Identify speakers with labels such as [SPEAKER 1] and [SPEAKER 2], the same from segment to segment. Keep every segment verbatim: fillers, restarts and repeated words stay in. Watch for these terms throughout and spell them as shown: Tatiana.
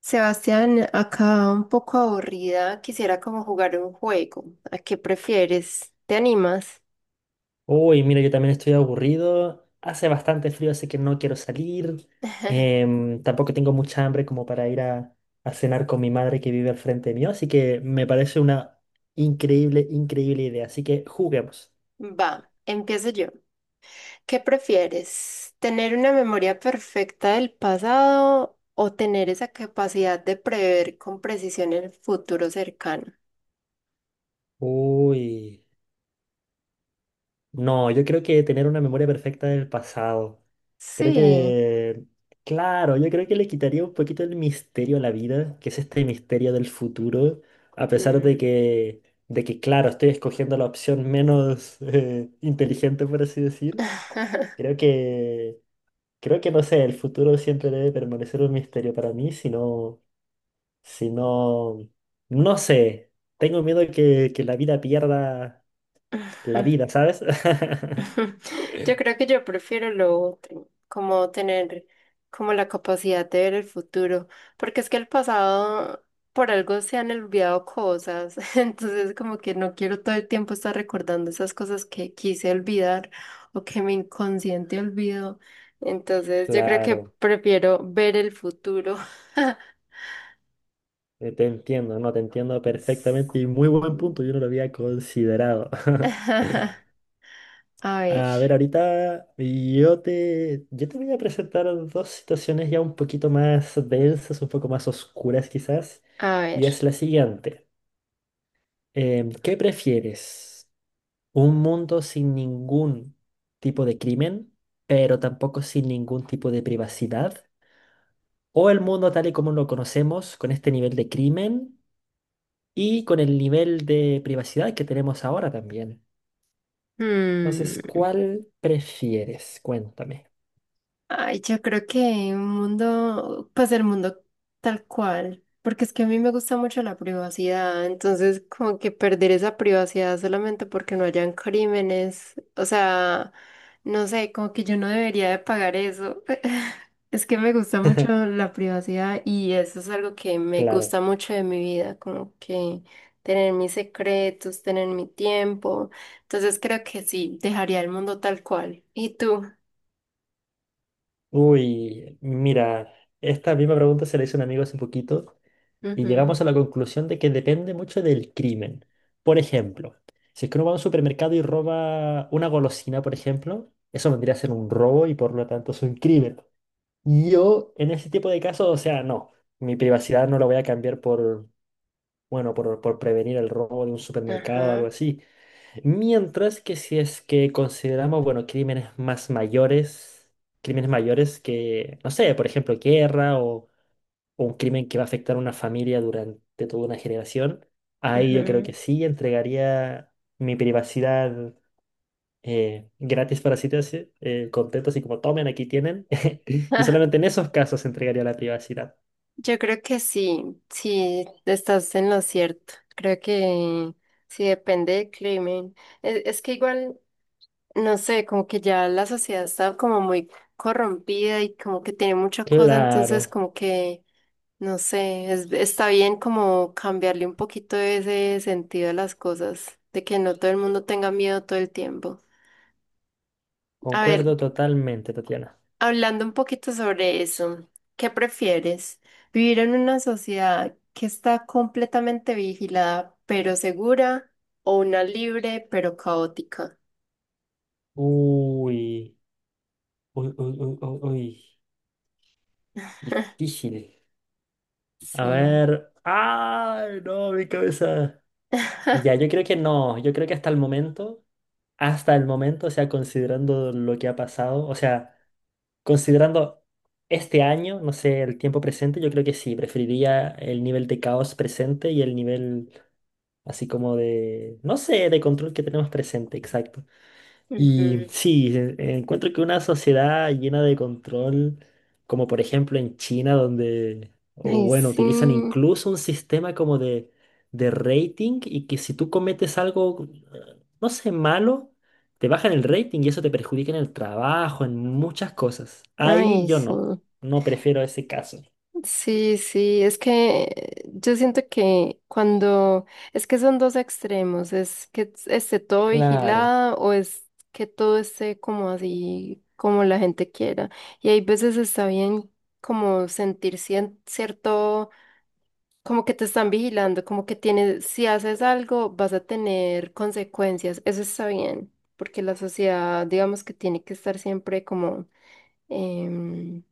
[SPEAKER 1] Sebastián, acá un poco aburrida, quisiera como jugar un juego. ¿A qué prefieres? ¿Te animas?
[SPEAKER 2] Uy, mira, yo también estoy aburrido. Hace bastante frío, así que no quiero salir. Em, tampoco tengo mucha hambre como para ir a, a cenar con mi madre que vive al frente mío, así que me parece una increíble, increíble idea. Así que juguemos.
[SPEAKER 1] Va, empiezo yo. ¿Qué prefieres? ¿Tener una memoria perfecta del pasado o tener esa capacidad de prever con precisión el futuro cercano?
[SPEAKER 2] Uy, no, yo creo que tener una memoria perfecta del pasado. Creo
[SPEAKER 1] Sí.
[SPEAKER 2] que, claro, yo creo que le quitaría un poquito el misterio a la vida, que es este misterio del futuro, a pesar de
[SPEAKER 1] Mm.
[SPEAKER 2] que, de que claro, estoy escogiendo la opción menos eh, inteligente, por así decir. Creo que, Creo que no sé, el futuro siempre debe permanecer un misterio para mí, si no, si no, no sé, tengo miedo que, que la vida pierda la vida, ¿sabes?
[SPEAKER 1] Yo creo que yo prefiero lo otro, como tener como la capacidad de ver el futuro, porque es que el pasado por algo se han olvidado cosas, entonces como que no quiero todo el tiempo estar recordando esas cosas que quise olvidar o que mi inconsciente olvidó, entonces yo creo que
[SPEAKER 2] Claro.
[SPEAKER 1] prefiero ver el futuro.
[SPEAKER 2] Eh, Te entiendo, no, te entiendo perfectamente y muy buen punto, yo no lo había considerado.
[SPEAKER 1] A ver,
[SPEAKER 2] A ver, ahorita yo te, yo te voy a presentar dos situaciones ya un poquito más densas, un poco más oscuras quizás,
[SPEAKER 1] a ver.
[SPEAKER 2] y es la siguiente. Em, ¿qué prefieres? ¿Un mundo sin ningún tipo de crimen, pero tampoco sin ningún tipo de privacidad? ¿O el mundo tal y como lo conocemos, con este nivel de crimen y con el nivel de privacidad que tenemos ahora también? Entonces,
[SPEAKER 1] Hmm.
[SPEAKER 2] ¿cuál prefieres? Cuéntame.
[SPEAKER 1] Ay, yo creo que un mundo, pues el mundo tal cual, porque es que a mí me gusta mucho la privacidad, entonces como que perder esa privacidad solamente porque no hayan crímenes, o sea, no sé, como que yo no debería de pagar eso. Es que me gusta mucho la privacidad y eso es algo que me
[SPEAKER 2] Claro.
[SPEAKER 1] gusta mucho de mi vida, como que tener mis secretos, tener mi tiempo, entonces creo que sí, dejaría el mundo tal cual. ¿Y tú?
[SPEAKER 2] Uy, mira, esta misma pregunta se la hizo un amigo hace poquito y
[SPEAKER 1] Ujú.
[SPEAKER 2] llegamos a la conclusión de que depende mucho del crimen. Por ejemplo, si es que uno va a un supermercado y roba una golosina, por ejemplo, eso vendría a ser un robo y por lo tanto es un crimen. Yo, en ese tipo de casos, o sea, no, mi privacidad no la voy a cambiar bueno, por, por prevenir el robo de un supermercado o algo
[SPEAKER 1] Ajá,
[SPEAKER 2] así. Mientras que si es que consideramos, bueno, crímenes más mayores, crímenes mayores que, no sé, por ejemplo, guerra o, o un crimen que va a afectar a una familia durante toda una generación, ahí yo creo que
[SPEAKER 1] ujú.
[SPEAKER 2] sí entregaría mi privacidad eh, gratis para sitios contentos y como tomen, aquí tienen. Y
[SPEAKER 1] Ah,
[SPEAKER 2] solamente en esos casos entregaría la privacidad.
[SPEAKER 1] yo creo que sí, sí, estás en lo cierto. Creo que sí depende del crimen. Es, es que igual, no sé, como que ya la sociedad está como muy corrompida y como que tiene mucha cosa, entonces
[SPEAKER 2] Claro,
[SPEAKER 1] como que, no sé, es- está bien como cambiarle un poquito ese sentido a las cosas, de que no todo el mundo tenga miedo todo el tiempo. A ver,
[SPEAKER 2] concuerdo totalmente, Tatiana.
[SPEAKER 1] hablando un poquito sobre eso, ¿qué prefieres? ¿Vivir en una sociedad que está completamente vigilada pero segura o una libre pero caótica?
[SPEAKER 2] Uy, uy, uy, uy, uy, uy. Difícil. A
[SPEAKER 1] Sí.
[SPEAKER 2] ver. ¡Ay, no, mi cabeza! Ya, yo creo que no. Yo creo que hasta el momento, hasta el momento, o sea, considerando lo que ha pasado, o sea, considerando este año, no sé, el tiempo presente, yo creo que sí. Preferiría el nivel de caos presente y el nivel así como de, no sé, de control que tenemos presente, exacto. Y
[SPEAKER 1] Ujú.
[SPEAKER 2] sí, e- encuentro que una sociedad llena de control, como por ejemplo en China, donde, o
[SPEAKER 1] Ay,
[SPEAKER 2] bueno, utilizan
[SPEAKER 1] sí.
[SPEAKER 2] incluso un sistema como de, de rating y que si tú cometes algo, eh, no sé, malo, te bajan el rating y eso te perjudica en el trabajo, en muchas cosas. Ahí
[SPEAKER 1] Ay,
[SPEAKER 2] yo
[SPEAKER 1] sí.
[SPEAKER 2] no, no prefiero ese caso.
[SPEAKER 1] Sí, sí, es que yo siento que cuando, es que son dos extremos, es que es- esté todo
[SPEAKER 2] Claro,
[SPEAKER 1] vigilado o es que todo esté como así, como la gente quiera. Y hay veces está bien como sentir cien- cierto, como que te están vigilando, como que tienes, si haces algo vas a tener consecuencias, eso está bien, porque la sociedad digamos que tiene que estar siempre como... em,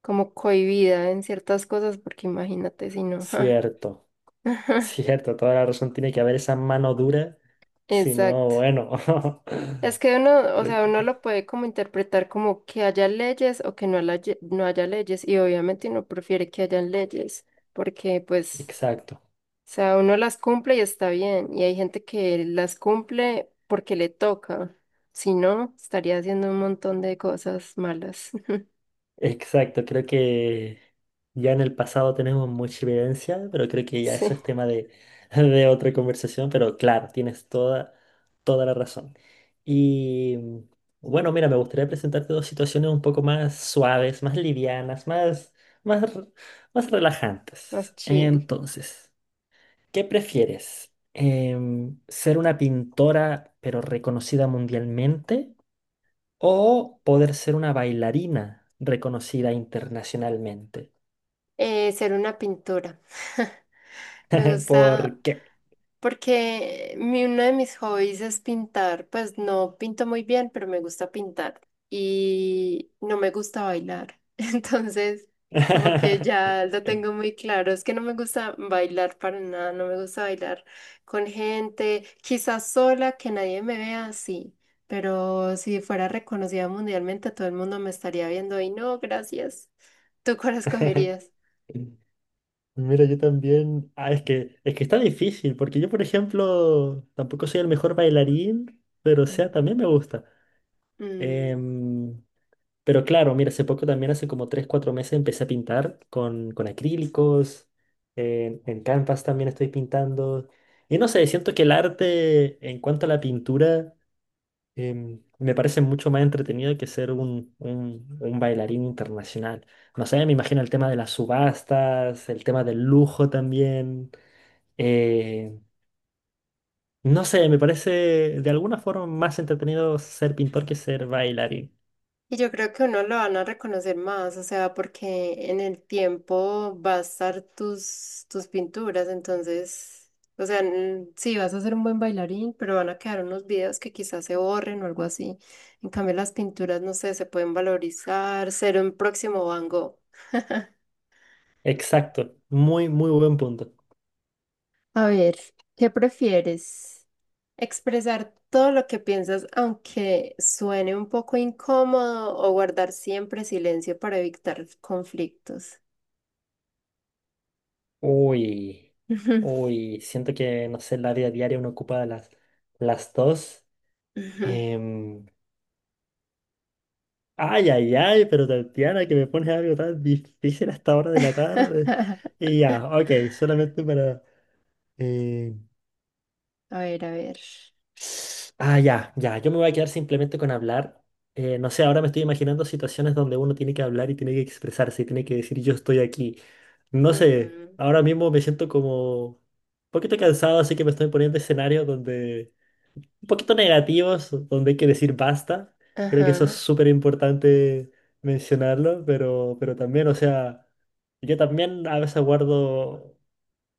[SPEAKER 1] como cohibida en ciertas cosas, porque imagínate si no. Ja,
[SPEAKER 2] cierto,
[SPEAKER 1] ajá,
[SPEAKER 2] cierto, toda la razón tiene que haber esa mano dura, si no,
[SPEAKER 1] exacto.
[SPEAKER 2] bueno.
[SPEAKER 1] Es que uno, o
[SPEAKER 2] creo
[SPEAKER 1] sea,
[SPEAKER 2] que-
[SPEAKER 1] uno lo puede como interpretar como que haya leyes o que no, la ye- no haya leyes, y obviamente uno prefiere que hayan leyes, porque pues,
[SPEAKER 2] Exacto,
[SPEAKER 1] o sea, uno las cumple y está bien, y hay gente que las cumple porque le toca, si no, estaría haciendo un montón de cosas malas.
[SPEAKER 2] exacto. Creo que ya en el pasado tenemos mucha evidencia, pero creo que ya eso
[SPEAKER 1] Sí,
[SPEAKER 2] es tema de, de otra conversación. Pero claro, tienes toda, toda la razón. Y bueno, mira, me gustaría presentarte dos situaciones un poco más suaves, más livianas, más, más, r- más relajantes.
[SPEAKER 1] más chill.
[SPEAKER 2] Entonces, ¿qué prefieres? Em, ¿ser una pintora pero reconocida mundialmente o poder ser una bailarina reconocida internacionalmente?
[SPEAKER 1] Eh, ser una pintura, me gusta
[SPEAKER 2] ¿Por qué?
[SPEAKER 1] porque mi, uno de mis hobbies es pintar. Pues no pinto muy bien, pero me gusta pintar. Y no me gusta bailar. Entonces, como que ya lo tengo muy claro. Es que no me gusta bailar para nada. No me gusta bailar con gente. Quizás sola, que nadie me vea así. Pero si fuera reconocida mundialmente, todo el mundo me estaría viendo y no, gracias. ¿Tú cuál escogerías?
[SPEAKER 2] Mira, yo también. Ah, es que, es que está difícil, porque yo, por ejemplo, tampoco soy el mejor bailarín, pero o sea, también me gusta.
[SPEAKER 1] Mm.
[SPEAKER 2] Em, pero claro, mira, hace poco también, hace como tres cuatro meses, empecé a pintar con, con acrílicos. En, en Canvas también estoy pintando. Y no sé, siento que el arte, en cuanto a la pintura, em, me parece mucho más entretenido que ser un, un- un bailarín internacional. No sé, me imagino el tema de las subastas, el tema del lujo también. eh, no sé, me parece de alguna forma más entretenido ser pintor que ser bailarín.
[SPEAKER 1] Y yo creo que uno lo van a reconocer más, o sea, porque en el tiempo va a estar tus, tus pinturas, entonces, o sea, mm, sí, vas a ser un buen bailarín, pero van a quedar unos videos que quizás se borren o algo así. En cambio, las pinturas, no sé, se pueden valorizar, ser un próximo Van Gogh.
[SPEAKER 2] Exacto, muy, muy buen punto.
[SPEAKER 1] A ver, ¿qué prefieres? ¿Expresar todo lo que piensas aunque suene un poco incómodo o guardar siempre silencio para evitar conflictos?
[SPEAKER 2] Uy,
[SPEAKER 1] Ujú,
[SPEAKER 2] uy, siento que, no sé, en la vida diaria uno ocupa las, las dos.
[SPEAKER 1] ujú.
[SPEAKER 2] Em, Ay, ay, ay, pero Tatiana, que me pones algo tan difícil hasta ahora de la tarde. Y ya, ok, solamente para... eh,
[SPEAKER 1] A ver, a ver.
[SPEAKER 2] Ah, ya, ya, yo me voy a quedar simplemente con hablar. Eh, no sé, ahora me estoy imaginando situaciones donde uno tiene que hablar y tiene que expresarse y tiene que decir yo estoy aquí. No sé,
[SPEAKER 1] Ujú,
[SPEAKER 2] ahora mismo me siento como un poquito cansado, así que me estoy poniendo escenarios donde un poquito negativos, donde hay que decir basta. Creo que eso es
[SPEAKER 1] ajá.
[SPEAKER 2] súper importante mencionarlo, pero, pero también, o sea, yo también a veces guardo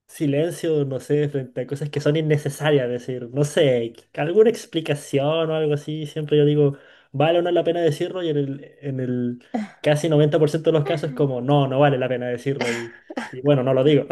[SPEAKER 2] silencio, no sé, frente a cosas que son innecesarias, decir, no sé, alguna explicación o algo así, siempre yo digo, vale o no la pena decirlo y en el, en el casi noventa por ciento de los casos es como, no, no vale la pena decirlo y, y bueno, no lo digo.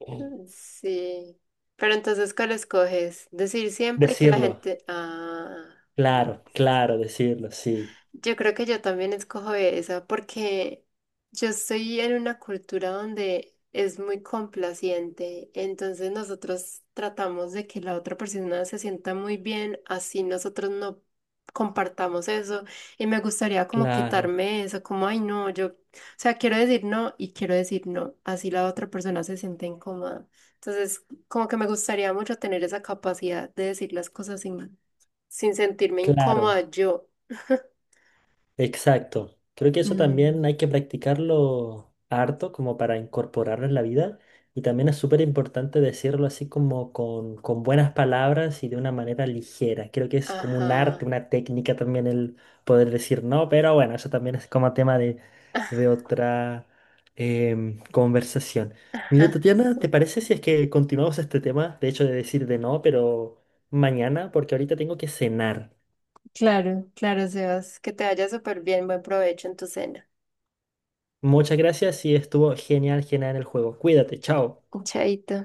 [SPEAKER 1] Sí. Pero entonces, ¿cuál escoges? Decir siempre que la
[SPEAKER 2] Decirlo,
[SPEAKER 1] gente... Ah.
[SPEAKER 2] claro, claro, decirlo, sí,
[SPEAKER 1] Yo creo que yo también escojo esa porque yo estoy en una cultura donde es muy complaciente, entonces nosotros tratamos de que la otra persona se sienta muy bien, así nosotros no compartamos eso y me gustaría como
[SPEAKER 2] claro,
[SPEAKER 1] quitarme eso, como, ay no, yo, o sea, quiero decir no y quiero decir no, así la otra persona se siente incómoda. Entonces, como que me gustaría mucho tener esa capacidad de decir las cosas sin, sin sentirme incómoda
[SPEAKER 2] claro.
[SPEAKER 1] yo.
[SPEAKER 2] Exacto. Creo que eso
[SPEAKER 1] Mm,
[SPEAKER 2] también hay que practicarlo harto como para incorporarlo en la vida. Y también es súper importante decirlo así como con, con buenas palabras y de una manera ligera. Creo que es como un arte,
[SPEAKER 1] ajá,
[SPEAKER 2] una técnica también el poder decir no, pero bueno, eso también es como tema de, de otra em, conversación. Mira,
[SPEAKER 1] ajá,
[SPEAKER 2] Tatiana, ¿te
[SPEAKER 1] sí.
[SPEAKER 2] parece si es que continuamos este tema? De hecho, de decir de no, pero mañana, porque ahorita tengo que cenar.
[SPEAKER 1] Claro, claro, Sebas. Que te vaya súper bien, buen provecho en tu cena.
[SPEAKER 2] Muchas gracias y estuvo genial, genial el juego. Cuídate, chao.
[SPEAKER 1] Chaito.